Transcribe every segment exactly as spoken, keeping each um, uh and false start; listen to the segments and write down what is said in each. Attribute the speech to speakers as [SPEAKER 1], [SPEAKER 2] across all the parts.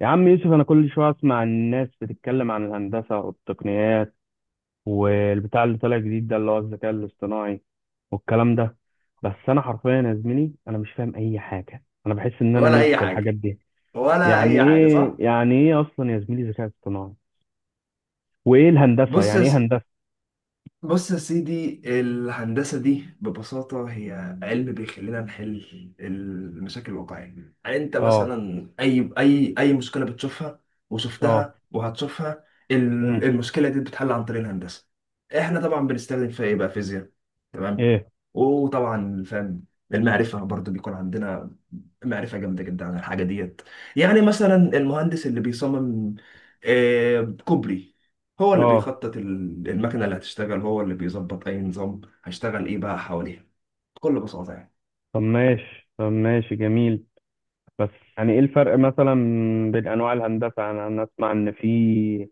[SPEAKER 1] يا عم يوسف، انا كل شويه اسمع الناس بتتكلم عن الهندسه والتقنيات والبتاع اللي طالع جديد ده، اللي هو الذكاء الاصطناعي والكلام ده. بس انا حرفيا يا زميلي، انا مش فاهم اي حاجه، انا بحس ان انا
[SPEAKER 2] ولا
[SPEAKER 1] ميح
[SPEAKER 2] اي
[SPEAKER 1] في الحاجات
[SPEAKER 2] حاجه.
[SPEAKER 1] دي.
[SPEAKER 2] ولا
[SPEAKER 1] يعني
[SPEAKER 2] اي حاجه،
[SPEAKER 1] ايه
[SPEAKER 2] صح.
[SPEAKER 1] يعني ايه اصلا يا زميلي، ذكاء اصطناعي؟ وايه الهندسه؟
[SPEAKER 2] بص
[SPEAKER 1] يعني
[SPEAKER 2] يا
[SPEAKER 1] ايه
[SPEAKER 2] س-
[SPEAKER 1] هندسه؟
[SPEAKER 2] بص يا سيدي، الهندسه دي ببساطه هي علم بيخلينا نحل المشاكل الواقعيه. يعني انت
[SPEAKER 1] اه.
[SPEAKER 2] مثلا اي اي اي مشكله بتشوفها
[SPEAKER 1] اه.
[SPEAKER 2] وشفتها وهتشوفها، ال-
[SPEAKER 1] امم.
[SPEAKER 2] المشكله دي بتتحل عن طريق الهندسه. احنا طبعا بنستخدم فيها ايه بقى؟ فيزياء، تمام،
[SPEAKER 1] ايه.
[SPEAKER 2] وطبعا فاهم. المعرفه برضو بيكون عندنا معرفة جامدة جدا عن الحاجة ديت. يعني مثلا المهندس اللي بيصمم آه، كوبري، هو اللي
[SPEAKER 1] اه.
[SPEAKER 2] بيخطط ال- المكنة اللي هتشتغل، هو اللي بيظبط أي نظام هيشتغل إيه بقى حواليها، بكل بساطة يعني.
[SPEAKER 1] طب ماشي، طب ماشي، جميل. بس يعني ايه الفرق مثلا بين انواع الهندسه؟ يعني انا اسمع ان في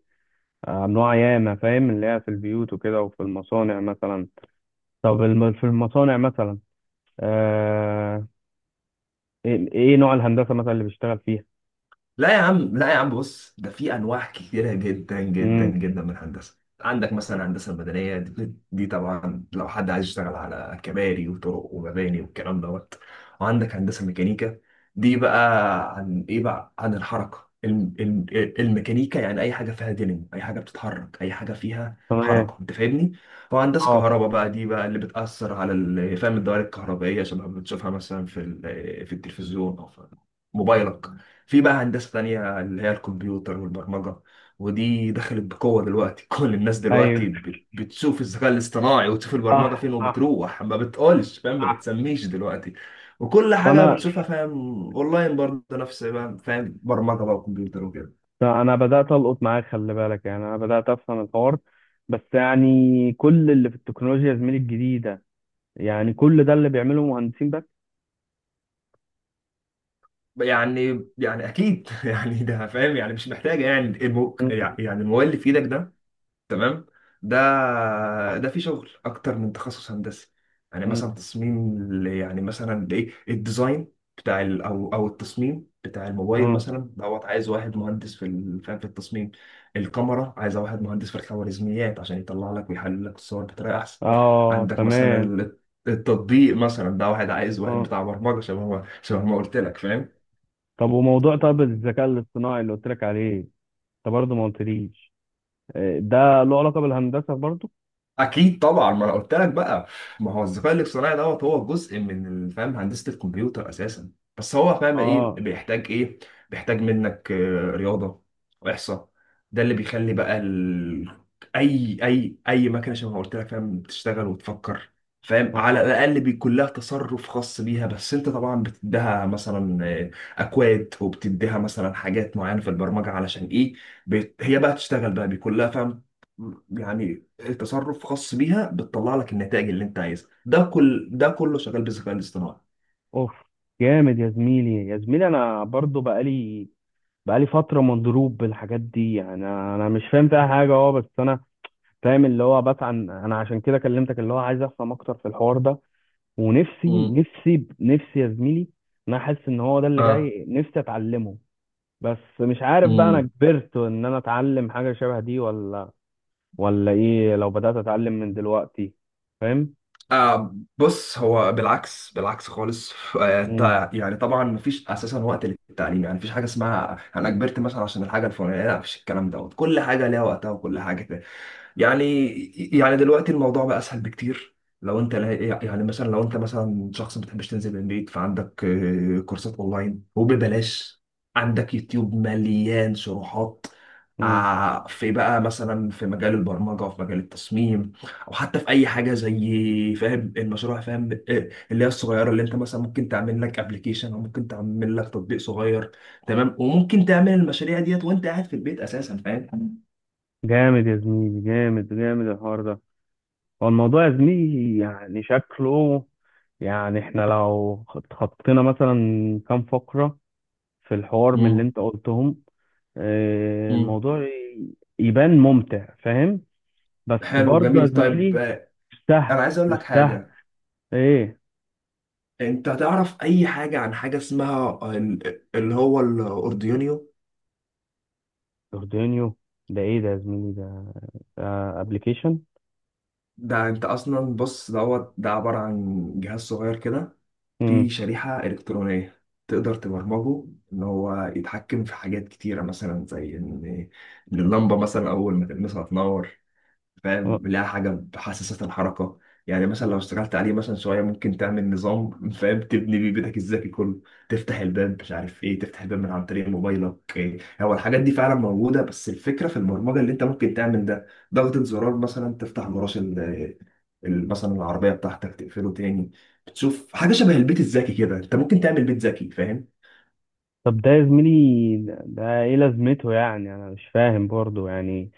[SPEAKER 1] انواع ياما، فاهم، اللي هي في البيوت وكده، وفي المصانع مثلا. طب الم- في المصانع مثلا. آه، ايه إيه نوع الهندسه مثلا اللي بيشتغل فيها؟
[SPEAKER 2] لا يا عم، لا يا عم، بص، ده في انواع كتيره جدا جدا
[SPEAKER 1] امم.
[SPEAKER 2] جدا من الهندسه. عندك مثلا الهندسه المدنيه دي, دي طبعا لو حد عايز يشتغل على كباري وطرق ومباني والكلام دوت. وعندك هندسه ميكانيكا، دي بقى عن ايه بقى؟ عن الحركه، الم- الم- الميكانيكا، يعني اي حاجه فيها دينامو، اي حاجه بتتحرك، اي حاجه فيها
[SPEAKER 1] تمام.
[SPEAKER 2] حركه، انت فاهمني. وهندسه
[SPEAKER 1] اه.
[SPEAKER 2] كهرباء بقى، دي بقى اللي بتاثر على ال- فاهم الدوائر الكهربائيه، شبه ما بتشوفها مثلا في ال- في التلفزيون او في موبايلك. في بقى هندسة تانية اللي هي الكمبيوتر والبرمجة، ودي دخلت بقوة دلوقتي. كل الناس دلوقتي
[SPEAKER 1] ايوه.
[SPEAKER 2] بت- بتشوف الذكاء الاصطناعي وتشوف البرمجة
[SPEAKER 1] صح،
[SPEAKER 2] فين،
[SPEAKER 1] صح.
[SPEAKER 2] وبتروح ما بتقولش فاهم، ما بتسميش دلوقتي، وكل
[SPEAKER 1] طب
[SPEAKER 2] حاجة
[SPEAKER 1] انا
[SPEAKER 2] بتشوفها فاهم، اونلاين برضه، نفس بقى فاهم، برمجة بقى وكمبيوتر وكده.
[SPEAKER 1] طب انا بدات القط معاك، خلي بالك، يعني انا بدات افهم الحوار. بس يعني كل اللي في التكنولوجيا يا زميلي الجديده، يعني كل ده اللي بيعمله مهندسين بس؟
[SPEAKER 2] يعني يعني اكيد. يعني ده فاهم، يعني مش محتاجة، يعني المو...
[SPEAKER 1] مم.
[SPEAKER 2] يعني الموبايل اللي في ايدك ده، تمام، ده ده في شغل اكتر من تخصص هندسي. يعني
[SPEAKER 1] مم.
[SPEAKER 2] مثلا تصميم ل- يعني مثلا ايه الديزاين بتاع ال او او التصميم بتاع الموبايل
[SPEAKER 1] مم.
[SPEAKER 2] مثلا دوت، عايز واحد مهندس في ال- فاهم في التصميم، الكاميرا عايز واحد مهندس في الخوارزميات عشان يطلع لك ويحلل لك الصور بطريقه احسن.
[SPEAKER 1] اه،
[SPEAKER 2] عندك مثلا
[SPEAKER 1] تمام.
[SPEAKER 2] ال- التطبيق مثلا، ده واحد عايز واحد
[SPEAKER 1] اه.
[SPEAKER 2] بتاع برمجه شبه ما شبه ما قلت لك فاهم.
[SPEAKER 1] طب وموضوع طب الذكاء الاصطناعي اللي قلت لك عليه، انت برضه ما قلتليش. آه، ده له علاقة بالهندسة برضه؟
[SPEAKER 2] اكيد طبعا، ما انا قلت لك بقى، ما هو الذكاء الاصطناعي دوت هو جزء من ال- فاهم هندسه الكمبيوتر اساسا. بس هو فاهم ايه
[SPEAKER 1] اه.
[SPEAKER 2] بيحتاج؟ ايه بيحتاج منك؟ آه، رياضه واحصاء. ده اللي بيخلي بقى ال... اي اي اي مكنه شبه ما قلت لك فاهم بتشتغل وتفكر، فاهم، على
[SPEAKER 1] اه.
[SPEAKER 2] الاقل بيكون لها تصرف خاص بيها. بس انت طبعا بتديها مثلا آه، اكواد، وبتديها مثلا حاجات معينه في البرمجه علشان ايه، بت... هي بقى تشتغل بقى، بيكون لها فاهم يعني تصرف خاص بيها، بتطلع لك النتائج اللي انت عايزها، ده كل ده كله شغال بالذكاء الاصطناعي.
[SPEAKER 1] اوف، جامد يا زميلي، يا زميلي. انا برضه بقالي بقالي فترة مضروب بالحاجات دي. انا انا مش فاهم فيها حاجة. اه، بس انا فاهم اللي هو بسعى، انا عشان كده كلمتك، اللي هو عايز افهم اكتر في الحوار ده. ونفسي،
[SPEAKER 2] امم.
[SPEAKER 1] نفسي، نفسي يا زميلي، إن انا حاسس ان هو ده اللي
[SPEAKER 2] اه.
[SPEAKER 1] جاي نفسي اتعلمه. بس مش عارف بقى، انا
[SPEAKER 2] امم.
[SPEAKER 1] كبرت ان انا اتعلم حاجة شبه دي؟ ولا، ولا ايه؟ لو بدأت اتعلم من دلوقتي؟ فاهم؟
[SPEAKER 2] آه بص، هو بالعكس، بالعكس خالص. آه
[SPEAKER 1] مم.
[SPEAKER 2] تع- يعني طبعا مفيش اساسا وقت للتعليم، يعني مفيش حاجه اسمها انا كبرت مثلا عشان الحاجه الفلانيه، لا، مفيش الكلام دوت، كل حاجه ليها وقتها وكل حاجه يعني. يعني دلوقتي الموضوع بقى اسهل بكتير. لو انت لا- يعني مثلا لو انت مثلا شخص ما بتحبش تنزل من البيت، فعندك آه، كورسات اونلاين وببلاش، عندك يوتيوب مليان شروحات.
[SPEAKER 1] مم.
[SPEAKER 2] ع- في بقى مثلا في مجال البرمجه، في مجال التصميم، او حتى في اي حاجه زي فاهم المشروع فاهم آه، اللي هي الصغيره اللي انت مثلا ممكن تعمل لك ابلكيشن، او ممكن تعمل لك تطبيق صغير، تمام، وممكن تعمل المشاريع ديت وانت قاعد في البيت اساسا فاهم.
[SPEAKER 1] جامد يا زميلي، جامد، جامد الحوار ده. هو الموضوع يا زميلي يعني شكله، يعني احنا لو اتخطينا مثلا كام فقرة في الحوار من اللي
[SPEAKER 2] مم.
[SPEAKER 1] انت قلتهم، آه،
[SPEAKER 2] مم.
[SPEAKER 1] الموضوع ي- يبان ممتع، فاهم. بس
[SPEAKER 2] حلو،
[SPEAKER 1] برضه يا
[SPEAKER 2] جميل، طيب،
[SPEAKER 1] زميلي،
[SPEAKER 2] آه،
[SPEAKER 1] مش
[SPEAKER 2] انا
[SPEAKER 1] سهل،
[SPEAKER 2] عايز اقول
[SPEAKER 1] مش
[SPEAKER 2] لك
[SPEAKER 1] سهل.
[SPEAKER 2] حاجه.
[SPEAKER 1] ايه،
[SPEAKER 2] انت تعرف اي حاجه عن حاجه اسمها آه، ال- اللي هو الاردوينيو؟
[SPEAKER 1] جوردانيو؟ ده ايه ده يا زميلي؟ ده ابلكيشن؟
[SPEAKER 2] ده انت اصلا بص دوت، ده عباره عن جهاز صغير كده، فيه
[SPEAKER 1] امم.
[SPEAKER 2] شريحه الكترونيه تقدر تبرمجه ان هو يتحكم في حاجات كتيره، مثلا زي ان إن اللمبه مثلا اول ما تلمسها تنور، فاهم، لها حاجه بتحسسك الحركه. يعني مثلا لو اشتغلت عليه مثلا شويه، ممكن تعمل نظام فاهم تبني بيه بيتك الذكي كله، تفتح الباب مش عارف ايه، تفتح الباب من عن طريق موبايلك. إيه، هو الحاجات دي فعلا موجوده، بس الفكره في البرمجه اللي انت ممكن تعمل ده، ضغطه زرار مثلا تفتح جراج ال- ال- مثلا العربيه بتاعتك، تقفله تاني. بتشوف حاجه شبه البيت الذكي كده، انت ممكن تعمل بيت ذكي فاهم.
[SPEAKER 1] طب ده يا زميلي، ده ايه لازمته؟ يعني انا مش فاهم برضه. يعني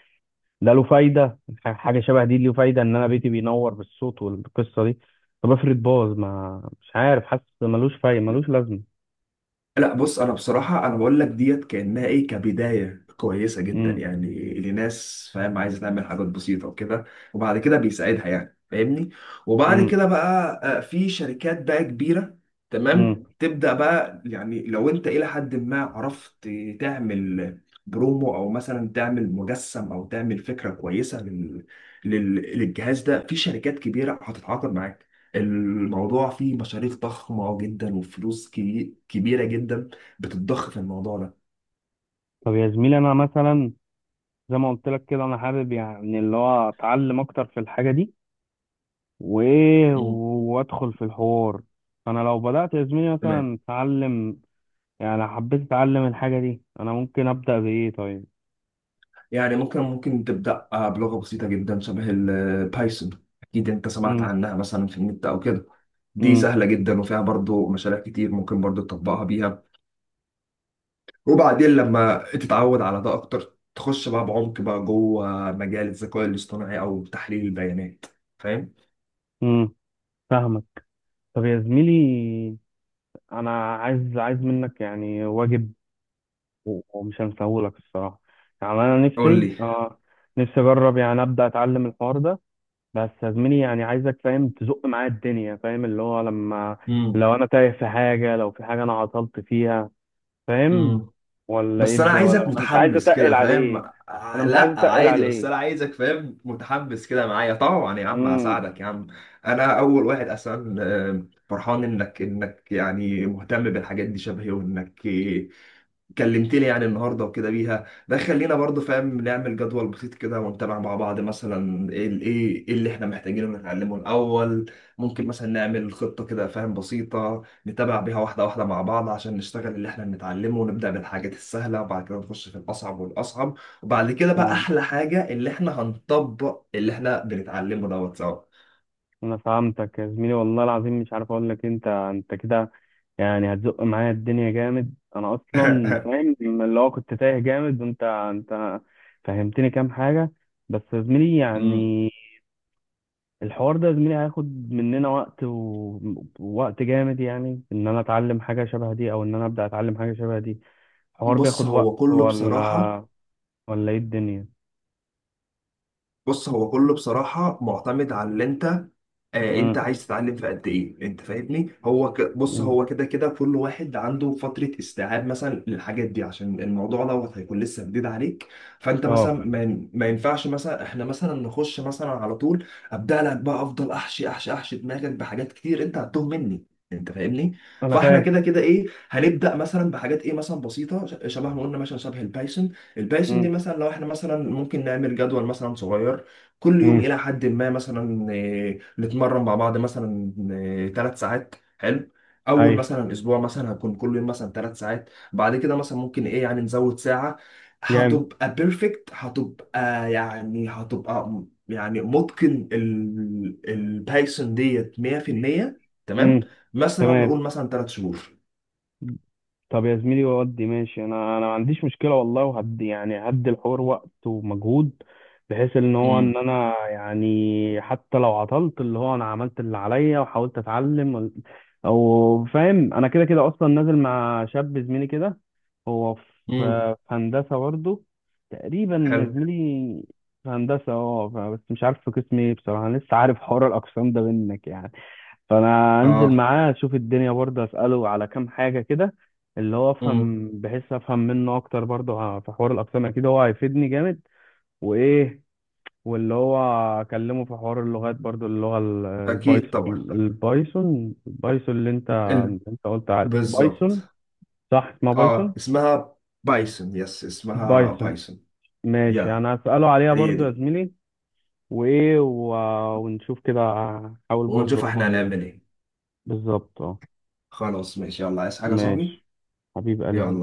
[SPEAKER 1] ده له فايدة؟ ح- حاجة شبه دي له فايدة ان انا بيتي بينور بالصوت والقصة دي؟ طب افرض باظ، ما مش عارف، حاسس ملوش فايدة، ملوش لازمة.
[SPEAKER 2] لا بص، انا بصراحه انا بقول لك ديت كانها ايه، كبدايه كويسه جدا
[SPEAKER 1] امم.
[SPEAKER 2] يعني لناس فاهم عايزه تعمل حاجات بسيطه وكده، وبعد كده بيساعدها يعني فاهمني. وبعد
[SPEAKER 1] امم.
[SPEAKER 2] كده بقى آه، في شركات بقى كبيره، تمام،
[SPEAKER 1] امم.
[SPEAKER 2] تبدا بقى يعني، لو انت الى حد ما عرفت تعمل برومو، او مثلا تعمل مجسم، او تعمل فكره كويسه لل... لل... للجهاز ده، في شركات كبيره هتتعاقد معاك. الموضوع فيه مصاريف ضخمة جدا، وفلوس كبي- كبيرة جدا بتتضخ في الموضوع ده.
[SPEAKER 1] طب يا زميلي، انا مثلا زي ما قلت لك كده، انا حابب يعني اللي هو اتعلم اكتر في الحاجة دي، وايه،
[SPEAKER 2] مم.
[SPEAKER 1] وادخل في الحوار. انا لو بدأت يا زميلي
[SPEAKER 2] تمام،
[SPEAKER 1] مثلا اتعلم، يعني حبيت اتعلم الحاجة دي، انا ممكن ابدأ بايه طيب؟
[SPEAKER 2] يعني ممكن ممكن تبدأ آه، بلغة بسيطة جدا شبه البايثون، أكيد أنت سمعت
[SPEAKER 1] امم.
[SPEAKER 2] عنها مثلا في النت أو كده. دي
[SPEAKER 1] امم.
[SPEAKER 2] سهلة جدا، وفيها برضو مشاريع كتير ممكن برضو تطبقها بيها، وبعدين لما تتعود على ده أكتر، تخش بقى بعمق بقى جوه مجال الذكاء الاصطناعي أو تحليل البيانات، فاهم؟
[SPEAKER 1] امم. فاهمك. طب يا زميلي، انا عايز عايز منك يعني واجب، و- ومش هنساهولك الصراحه. يعني انا
[SPEAKER 2] قول
[SPEAKER 1] نفسي
[SPEAKER 2] لي.
[SPEAKER 1] اه نفسي اجرب يعني، ابدا اتعلم الحوار ده. بس يا زميلي يعني عايزك، فاهم، تزق معايا الدنيا، فاهم؟ اللي هو لما لو انا تايه في حاجه، لو في حاجه انا عطلت فيها، فاهم؟
[SPEAKER 2] مم.
[SPEAKER 1] ولا
[SPEAKER 2] بس انا
[SPEAKER 1] يد،
[SPEAKER 2] عايزك
[SPEAKER 1] ولا، انا مش عايز
[SPEAKER 2] متحمس
[SPEAKER 1] اتقل
[SPEAKER 2] كده فاهم.
[SPEAKER 1] عليك. انا
[SPEAKER 2] آه،
[SPEAKER 1] مش عايز
[SPEAKER 2] لا
[SPEAKER 1] اتقل
[SPEAKER 2] عادي، بس انا
[SPEAKER 1] عليك.
[SPEAKER 2] عايزك فاهم متحمس كده معايا، طبعا يا عم
[SPEAKER 1] امم.
[SPEAKER 2] هساعدك يا عم. انا اول واحد اصلا آه، فرحان انك انك يعني مهتم بالحاجات دي شبهي، وانك كلمت لي يعني النهارده وكده بيها، ده خلينا برضو فاهم نعمل جدول بسيط كده، ونتابع مع بعض، مثلا ايه ال- ايه إيه اللي احنا محتاجينه نتعلمه الاول. ممكن مثلا نعمل خطه كده فاهم بسيطه، نتابع بيها واحده واحده مع بعض، عشان نشتغل اللي احنا بنتعلمه، ونبدا بالحاجات السهله، وبعد كده نخش في الاصعب والاصعب، وبعد كده بقى
[SPEAKER 1] امم.
[SPEAKER 2] احلى حاجه، اللي احنا هنطبق اللي احنا بنتعلمه دوت سوا.
[SPEAKER 1] انا فهمتك يا زميلي، والله العظيم مش عارف اقول لك إيه. انت انت كده يعني هتزق معايا الدنيا جامد. انا اصلا فاهم لما اللي هو كنت تايه جامد، وانت انت فهمتني كام حاجه. بس يا زميلي
[SPEAKER 2] مم.
[SPEAKER 1] يعني الحوار ده يا زميلي هياخد مننا وقت، و- ووقت جامد، يعني ان انا اتعلم حاجه شبه دي، او ان انا ابدا اتعلم حاجه شبه دي. الحوار
[SPEAKER 2] بص
[SPEAKER 1] بياخد وقت،
[SPEAKER 2] هو كله بصراحه
[SPEAKER 1] ولا، ولا ايه الدنيا؟
[SPEAKER 2] بص هو كله بصراحة معتمد على اللي انت آه انت
[SPEAKER 1] امم.
[SPEAKER 2] عايز تتعلم في قد ايه، انت فاهمني. هو ك... بص
[SPEAKER 1] إمم.
[SPEAKER 2] هو كده كده كل واحد عنده فترة استيعاب مثلا للحاجات دي، عشان الموضوع دوت هيكون لسه جديد عليك. فانت مثلا
[SPEAKER 1] اه،
[SPEAKER 2] ما, ين- ما ينفعش مثلا احنا مثلا نخش مثلا على طول، ابدا لك بقى، افضل احشي احشي احشي دماغك بحاجات كتير، انت هتتوه مني، انت فاهمني.
[SPEAKER 1] انا
[SPEAKER 2] فاحنا
[SPEAKER 1] فاهم.
[SPEAKER 2] كده كده ايه، هنبدا مثلا بحاجات ايه مثلا بسيطه، ش- شبه ما قلنا مثلا شبه البايثون، البايثون
[SPEAKER 1] امم.
[SPEAKER 2] دي مثلا، لو احنا مثلا ممكن نعمل جدول مثلا صغير كل يوم
[SPEAKER 1] إمم.
[SPEAKER 2] الى حد ما، مثلا آه، نتمرن مع بعض مثلا ثلاث ساعات، حلو، اول
[SPEAKER 1] ايوه.
[SPEAKER 2] مثلا اسبوع مثلا هكون كل يوم مثلا ثلاث ساعات، بعد كده مثلا ممكن ايه يعني نزود ساعة،
[SPEAKER 1] جامد.
[SPEAKER 2] هتبقى بيرفكت، هتبقى يعني، هتبقى م- يعني متقن ال- البايثون ديت مية بالمية. تمام،
[SPEAKER 1] امم.
[SPEAKER 2] مثلا
[SPEAKER 1] تمام.
[SPEAKER 2] نقول مثلا ثلاث شهور.
[SPEAKER 1] طب يا زميلي ودي ماشي، انا انا ما عنديش مشكله والله. وهدي يعني هدي الحوار وقت ومجهود، بحيث ان هو، ان
[SPEAKER 2] امم.
[SPEAKER 1] انا يعني حتى لو عطلت اللي هو، انا عملت اللي عليا وحاولت اتعلم وال- او فاهم، انا كده كده اصلا نازل مع شاب زميلي كده. هو في
[SPEAKER 2] امم.
[SPEAKER 1] في هندسه برضه، تقريبا يا
[SPEAKER 2] حلو.
[SPEAKER 1] زميلي، في هندسه. اه، ف- بس مش عارف في قسم ايه بصراحه. أنا لسه عارف حوار الاقسام ده منك يعني، فانا انزل
[SPEAKER 2] اه.
[SPEAKER 1] معاه اشوف الدنيا، برضه اساله على كام حاجه كده، اللي هو
[SPEAKER 2] امم.
[SPEAKER 1] افهم، بحيث افهم منه اكتر برضه، ع- في حوار الاقسام اكيد هو هيفيدني جامد. وايه، واللي هو اكلمه في حوار اللغات برضه، اللغه ال-
[SPEAKER 2] اكيد
[SPEAKER 1] البايثون.
[SPEAKER 2] طبعا،
[SPEAKER 1] البايثون البايثون اللي انت انت قلت عليه بايثون،
[SPEAKER 2] بالظبط.
[SPEAKER 1] صح؟ اسمها
[SPEAKER 2] اه،
[SPEAKER 1] بايثون.
[SPEAKER 2] اسمها بايثون، يس، اسمها
[SPEAKER 1] بايثون،
[SPEAKER 2] بايثون.
[SPEAKER 1] ماشي.
[SPEAKER 2] يا،
[SPEAKER 1] انا هساله عليها
[SPEAKER 2] هي
[SPEAKER 1] برضه يا
[SPEAKER 2] دي.
[SPEAKER 1] زميلي. وايه، و... ونشوف كده، احاول برضه
[SPEAKER 2] ونشوف
[SPEAKER 1] هو
[SPEAKER 2] احنا
[SPEAKER 1] عايز.
[SPEAKER 2] هنعمل ايه.
[SPEAKER 1] بالظبط، اه.
[SPEAKER 2] خلاص ماشي، يلا، عايز حاجة يا صاحبي؟
[SPEAKER 1] ماشي، حبيب
[SPEAKER 2] يلا.
[SPEAKER 1] قلبي.